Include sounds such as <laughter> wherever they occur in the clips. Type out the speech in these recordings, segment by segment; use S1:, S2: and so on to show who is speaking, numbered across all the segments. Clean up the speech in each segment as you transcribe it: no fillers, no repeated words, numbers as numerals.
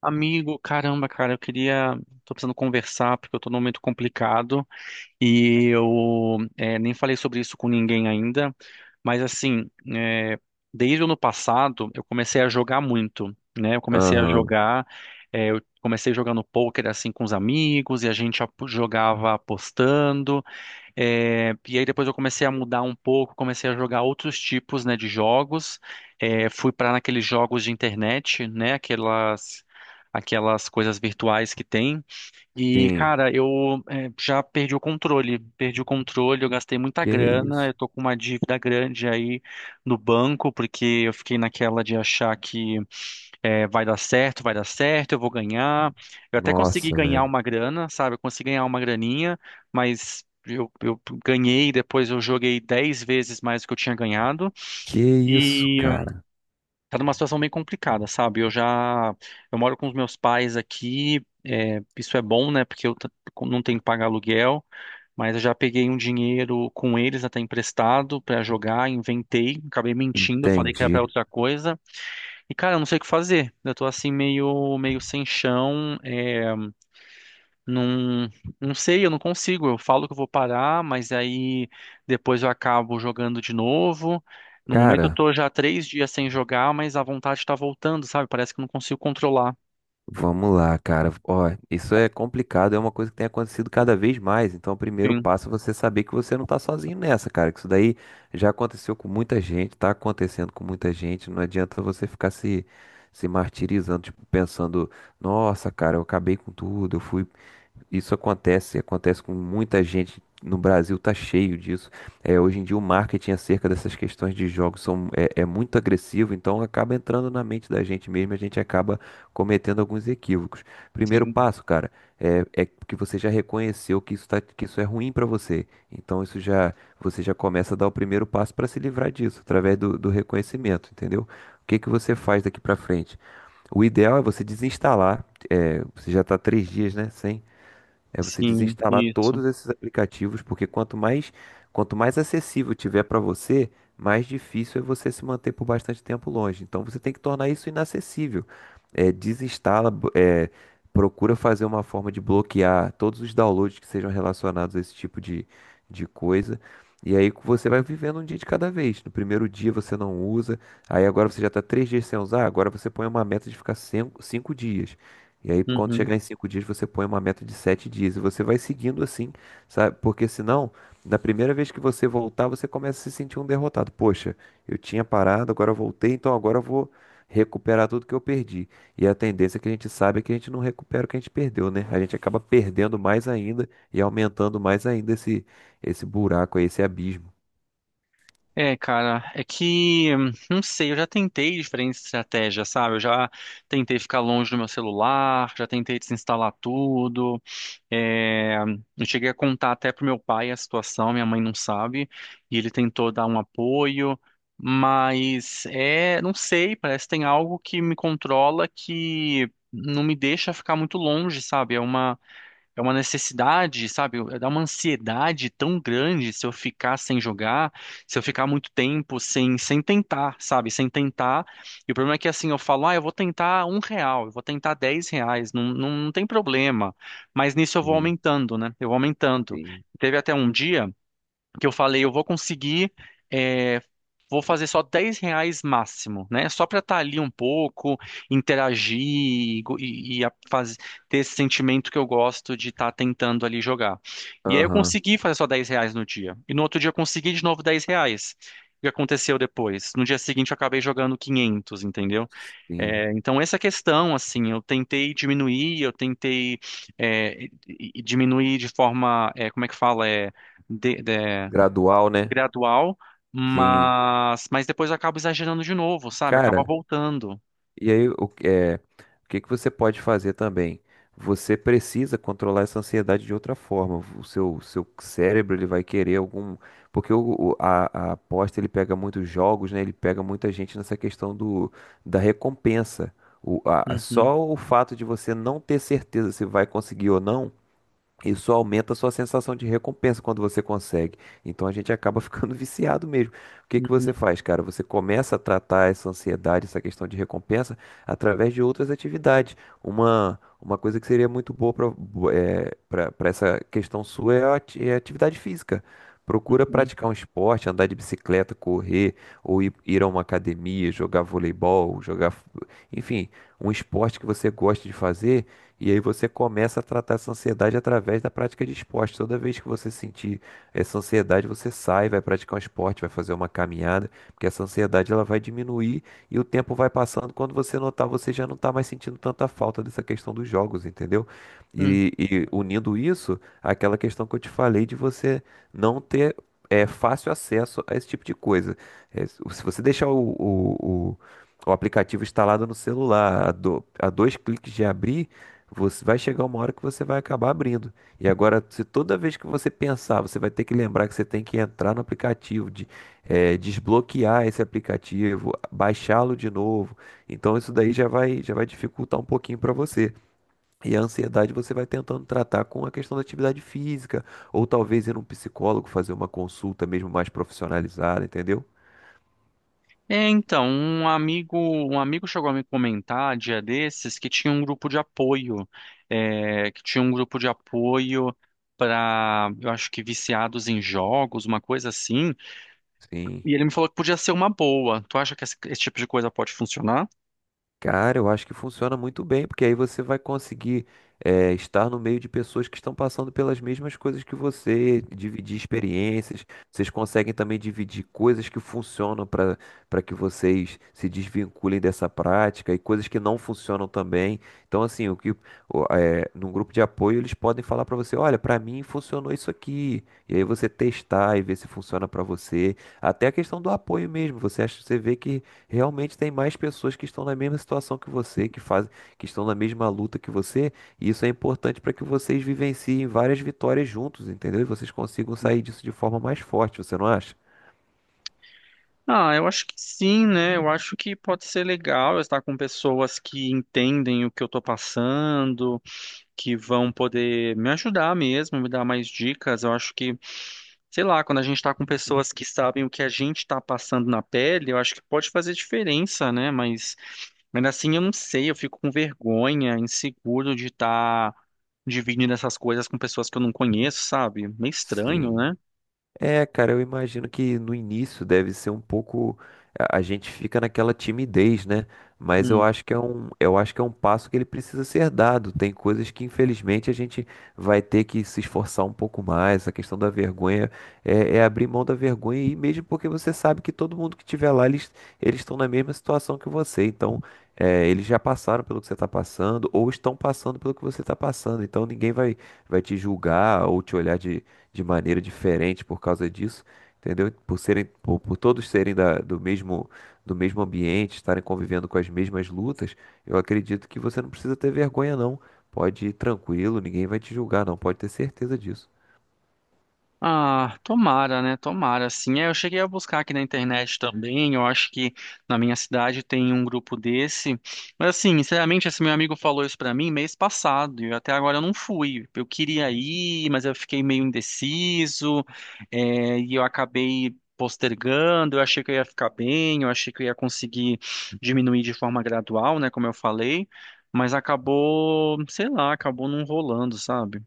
S1: Amigo, caramba, cara, eu queria. Tô precisando conversar porque eu tô num momento complicado e eu nem falei sobre isso com ninguém ainda, mas assim, é, desde o ano passado eu comecei a jogar muito, né? Eu comecei a
S2: Aham,
S1: jogar, eu comecei jogando pôquer assim com os amigos e a gente jogava apostando. E aí depois eu comecei a mudar um pouco, comecei a jogar outros tipos, né, de jogos. Fui para naqueles jogos de internet, né, aquelas coisas virtuais que tem. E,
S2: tem.
S1: cara, eu já perdi o controle. Perdi o controle, eu gastei muita
S2: Que
S1: grana,
S2: isso?
S1: eu tô com uma dívida grande aí no banco, porque eu fiquei naquela de achar que vai dar certo, eu vou ganhar. Eu até consegui
S2: Nossa,
S1: ganhar
S2: velho.
S1: uma grana, sabe? Eu consegui ganhar uma graninha, mas eu ganhei, depois eu joguei 10 vezes mais do que eu tinha ganhado.
S2: Que isso, cara?
S1: Tá numa situação bem complicada, sabe? Eu moro com os meus pais aqui, é, isso é bom, né? Porque eu não tenho que pagar aluguel, mas eu já peguei um dinheiro com eles até emprestado pra jogar, inventei, acabei mentindo, falei que era
S2: Entendi.
S1: pra outra coisa. E cara, eu não sei o que fazer. Eu tô assim meio sem chão, não, não sei, eu não consigo. Eu falo que eu vou parar, mas aí depois eu acabo jogando de novo. No momento eu
S2: Cara,
S1: tô já 3 dias sem jogar, mas a vontade tá voltando, sabe? Parece que eu não consigo controlar.
S2: vamos lá, cara. Ó, isso é complicado, é uma coisa que tem acontecido cada vez mais. Então, o primeiro
S1: Sim,
S2: passo é você saber que você não tá sozinho nessa, cara. Que isso daí já aconteceu com muita gente, tá acontecendo com muita gente. Não adianta você ficar se martirizando, tipo, pensando, nossa, cara, eu acabei com tudo, eu fui. Isso acontece, acontece com muita gente. No Brasil tá cheio disso. É, hoje em dia o marketing acerca dessas questões de jogos são, é muito agressivo, então acaba entrando na mente da gente mesmo, e a gente acaba cometendo alguns equívocos. Primeiro
S1: sim,
S2: passo, cara, é que você já reconheceu que isso tá, que isso é ruim para você. Então isso já, você já começa a dar o primeiro passo para se livrar disso, através do reconhecimento, entendeu? O que que você faz daqui para frente? O ideal é você desinstalar. É, você já está 3 dias, né, sem, é, você
S1: sim,
S2: desinstalar
S1: isso.
S2: todos esses aplicativos, porque quanto mais acessível tiver para você, mais difícil é você se manter por bastante tempo longe. Então você tem que tornar isso inacessível. É, desinstala, procura fazer uma forma de bloquear todos os downloads que sejam relacionados a esse tipo de coisa. E aí você vai vivendo um dia de cada vez. No primeiro dia você não usa, aí agora você já está três dias sem usar, agora você põe uma meta de ficar cinco dias. E aí, quando
S1: Uhum.
S2: chegar em 5 dias, você põe uma meta de 7 dias e você vai seguindo assim, sabe? Porque senão, na primeira vez que você voltar, você começa a se sentir um derrotado. Poxa, eu tinha parado, agora eu voltei, então agora eu vou recuperar tudo que eu perdi. E a tendência que a gente sabe é que a gente não recupera o que a gente perdeu, né? A gente acaba perdendo mais ainda e aumentando mais ainda esse buraco aí, esse abismo.
S1: É, cara, é que, não sei, eu já tentei diferentes estratégias, sabe? Eu já tentei ficar longe do meu celular, já tentei desinstalar tudo. É, eu cheguei a contar até pro meu pai a situação, minha mãe não sabe, e ele tentou dar um apoio, mas não sei, parece que tem algo que me controla que não me deixa ficar muito longe, sabe? É uma necessidade, sabe? Dá uma ansiedade tão grande se eu ficar sem jogar, se eu ficar muito tempo sem tentar, sabe? Sem tentar. E o problema é que assim, eu falo, ah, eu vou tentar R$ 1, eu vou tentar R$ 10, não, não, não tem problema. Mas nisso eu vou
S2: Sim,
S1: aumentando, né? Eu vou aumentando.
S2: sim.
S1: Teve até um dia. Porque eu falei, eu vou conseguir, é, vou fazer só R$ 10 máximo, né? Só para estar ali um pouco, interagir e ter esse sentimento que eu gosto de estar tentando ali jogar. E aí eu
S2: Aham,
S1: consegui fazer só R$ 10 no dia. E no outro dia eu consegui de novo R$ 10. O que aconteceu depois? No dia seguinte eu acabei jogando 500, entendeu?
S2: sim.
S1: É, então essa questão, assim, eu tentei diminuir, eu tentei e diminuir de forma, como é que fala? É,
S2: Gradual, né?
S1: gradual,
S2: Sim.
S1: mas depois eu acabo exagerando de novo, sabe? Acaba
S2: Cara,
S1: voltando.
S2: e aí, o que que você pode fazer também? Você precisa controlar essa ansiedade de outra forma. O seu cérebro ele vai querer algum. Porque a aposta ele pega muitos jogos, né? Ele pega muita gente nessa questão da recompensa.
S1: Uhum,
S2: Só o fato de você não ter certeza se vai conseguir ou não, isso aumenta a sua sensação de recompensa quando você consegue. Então a gente acaba <laughs> ficando viciado mesmo. O que que
S1: uhum,
S2: você faz, cara? Você começa a tratar essa ansiedade, essa questão de recompensa, através de outras atividades. Uma coisa que seria muito boa para essa questão sua é a atividade física. Procura
S1: uhum,
S2: praticar um esporte, andar de bicicleta, correr, ou ir a uma academia, jogar voleibol, enfim, um esporte que você gosta de fazer, e aí você começa a tratar essa ansiedade através da prática de esporte. Toda vez que você sentir essa ansiedade, você sai, vai praticar um esporte, vai fazer uma caminhada, porque essa ansiedade ela vai diminuir e o tempo vai passando. Quando você notar, você já não está mais sentindo tanta falta dessa questão dos jogos, entendeu?
S1: uhum.
S2: E unindo isso àquela questão que eu te falei de você não ter, é, fácil acesso a esse tipo de coisa. É, se você deixar o aplicativo instalado no celular a, a dois cliques de abrir, você vai chegar uma hora que você vai acabar abrindo. E agora, se toda vez que você pensar, você vai ter que lembrar que você tem que entrar no aplicativo, desbloquear esse aplicativo, baixá-lo de novo. Então, isso daí já vai dificultar um pouquinho para você. E a ansiedade você vai tentando tratar com a questão da atividade física, ou talvez ir num psicólogo fazer uma consulta mesmo mais profissionalizada, entendeu?
S1: Então, um amigo chegou a me comentar dia desses que tinha um grupo de apoio, é, que tinha um grupo de apoio para, eu acho que viciados em jogos, uma coisa assim.
S2: Sim.
S1: E ele me falou que podia ser uma boa. Tu acha que esse tipo de coisa pode funcionar?
S2: Cara, eu acho que funciona muito bem, porque aí você vai conseguir, estar no meio de pessoas que estão passando pelas mesmas coisas que você, dividir experiências. Vocês conseguem também dividir coisas que funcionam para que vocês se desvinculem dessa prática, e coisas que não funcionam também. Então, assim, o que o, eh, num grupo de apoio eles podem falar para você, olha, para mim funcionou isso aqui. E aí você testar e ver se funciona para você. Até a questão do apoio mesmo. Você acha, você vê que realmente tem mais pessoas que estão na mesma situação que você, que fazem, que estão na mesma luta que você, e isso é importante para que vocês vivenciem várias vitórias juntos, entendeu? E vocês consigam sair disso de forma mais forte, você não acha?
S1: Ah, eu acho que sim, né? Eu acho que pode ser legal eu estar com pessoas que entendem o que eu tô passando, que vão poder me ajudar mesmo, me dar mais dicas. Eu acho que, sei lá, quando a gente tá com pessoas que sabem o que a gente tá passando na pele, eu acho que pode fazer diferença, né? Mas ainda assim eu não sei, eu fico com vergonha, inseguro de estar dividindo essas coisas com pessoas que eu não conheço, sabe? Meio estranho,
S2: Sim.
S1: né?
S2: É, cara, eu imagino que no início deve ser um pouco, a gente fica naquela timidez, né? Mas eu
S1: Hum.
S2: acho que é um, eu acho que é um passo que ele precisa ser dado. Tem coisas que infelizmente a gente vai ter que se esforçar um pouco mais. A questão da vergonha é, é abrir mão da vergonha, e mesmo porque você sabe que todo mundo que estiver lá, eles estão na mesma situação que você. Então, é, eles já passaram pelo que você está passando ou estão passando pelo que você está passando. Então, ninguém vai te julgar ou te olhar de maneira diferente por causa disso, entendeu? Por serem, por todos serem do mesmo ambiente, estarem convivendo com as mesmas lutas, eu acredito que você não precisa ter vergonha, não. Pode ir tranquilo, ninguém vai te julgar, não. Pode ter certeza disso.
S1: Ah, tomara, né? Tomara, sim. Eu cheguei a buscar aqui na internet também. Eu acho que na minha cidade tem um grupo desse. Mas assim, sinceramente, esse meu amigo falou isso pra mim mês passado e até agora eu não fui. Eu queria ir, mas eu fiquei meio indeciso, e eu acabei postergando. Eu achei que eu ia ficar bem, eu achei que eu ia conseguir diminuir de forma gradual, né? Como eu falei, mas acabou, sei lá, acabou não rolando, sabe?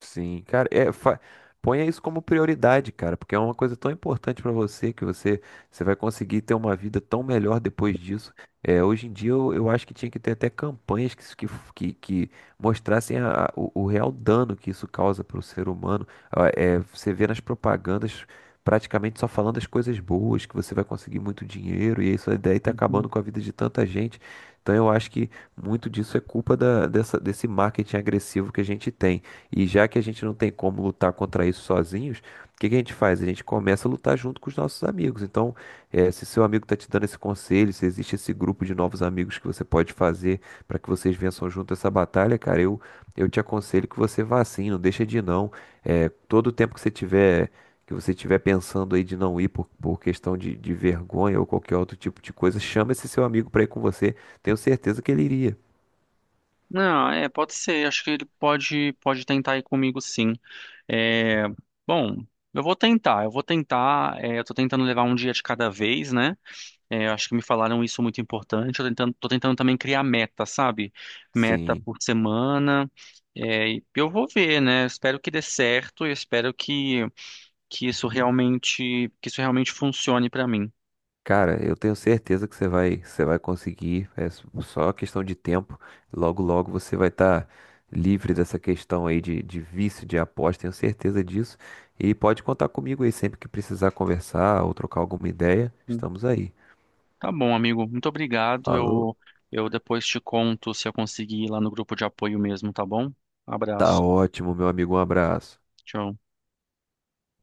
S2: Sim, cara, ponha isso como prioridade, cara, porque é uma coisa tão importante pra você, que você, você vai conseguir ter uma vida tão melhor depois disso. É, hoje em dia eu acho que tinha que ter até campanhas que mostrassem o real dano que isso causa para o ser humano. Ah, é, você vê nas propagandas praticamente só falando as coisas boas, que você vai conseguir muito dinheiro, e isso daí tá acabando com a vida de tanta gente. Então eu acho que muito disso é culpa dessa, desse marketing agressivo que a gente tem. E já que a gente não tem como lutar contra isso sozinhos, o que que a gente faz? A gente começa a lutar junto com os nossos amigos. Então, eh, se seu amigo está te dando esse conselho, se existe esse grupo de novos amigos que você pode fazer para que vocês vençam junto essa batalha, cara, eu te aconselho que você vá sim, não deixa de ir não. Eh, todo o tempo que você tiver pensando aí de não ir por questão de vergonha ou qualquer outro tipo de coisa, chama esse seu amigo para ir com você. Tenho certeza que ele iria.
S1: Não, é, pode ser. Acho que ele pode tentar ir comigo, sim. É, bom, eu vou tentar. Eu vou tentar. Eu tô tentando levar um dia de cada vez, né? Acho que me falaram isso muito importante. Tô tentando também criar meta, sabe? Meta
S2: Sim.
S1: por semana. E eu vou ver, né? Eu espero que dê certo. Eu espero que isso realmente funcione pra mim.
S2: Cara, eu tenho certeza que você vai conseguir. É só questão de tempo. Logo, logo você vai estar livre dessa questão aí de vício de aposta. Tenho certeza disso. E pode contar comigo aí sempre que precisar conversar ou trocar alguma ideia. Estamos aí.
S1: Tá bom, amigo. Muito obrigado.
S2: Falou.
S1: Eu depois te conto se eu conseguir ir lá no grupo de apoio mesmo, tá bom?
S2: Tá
S1: Abraço.
S2: ótimo, meu amigo. Um abraço.
S1: Tchau.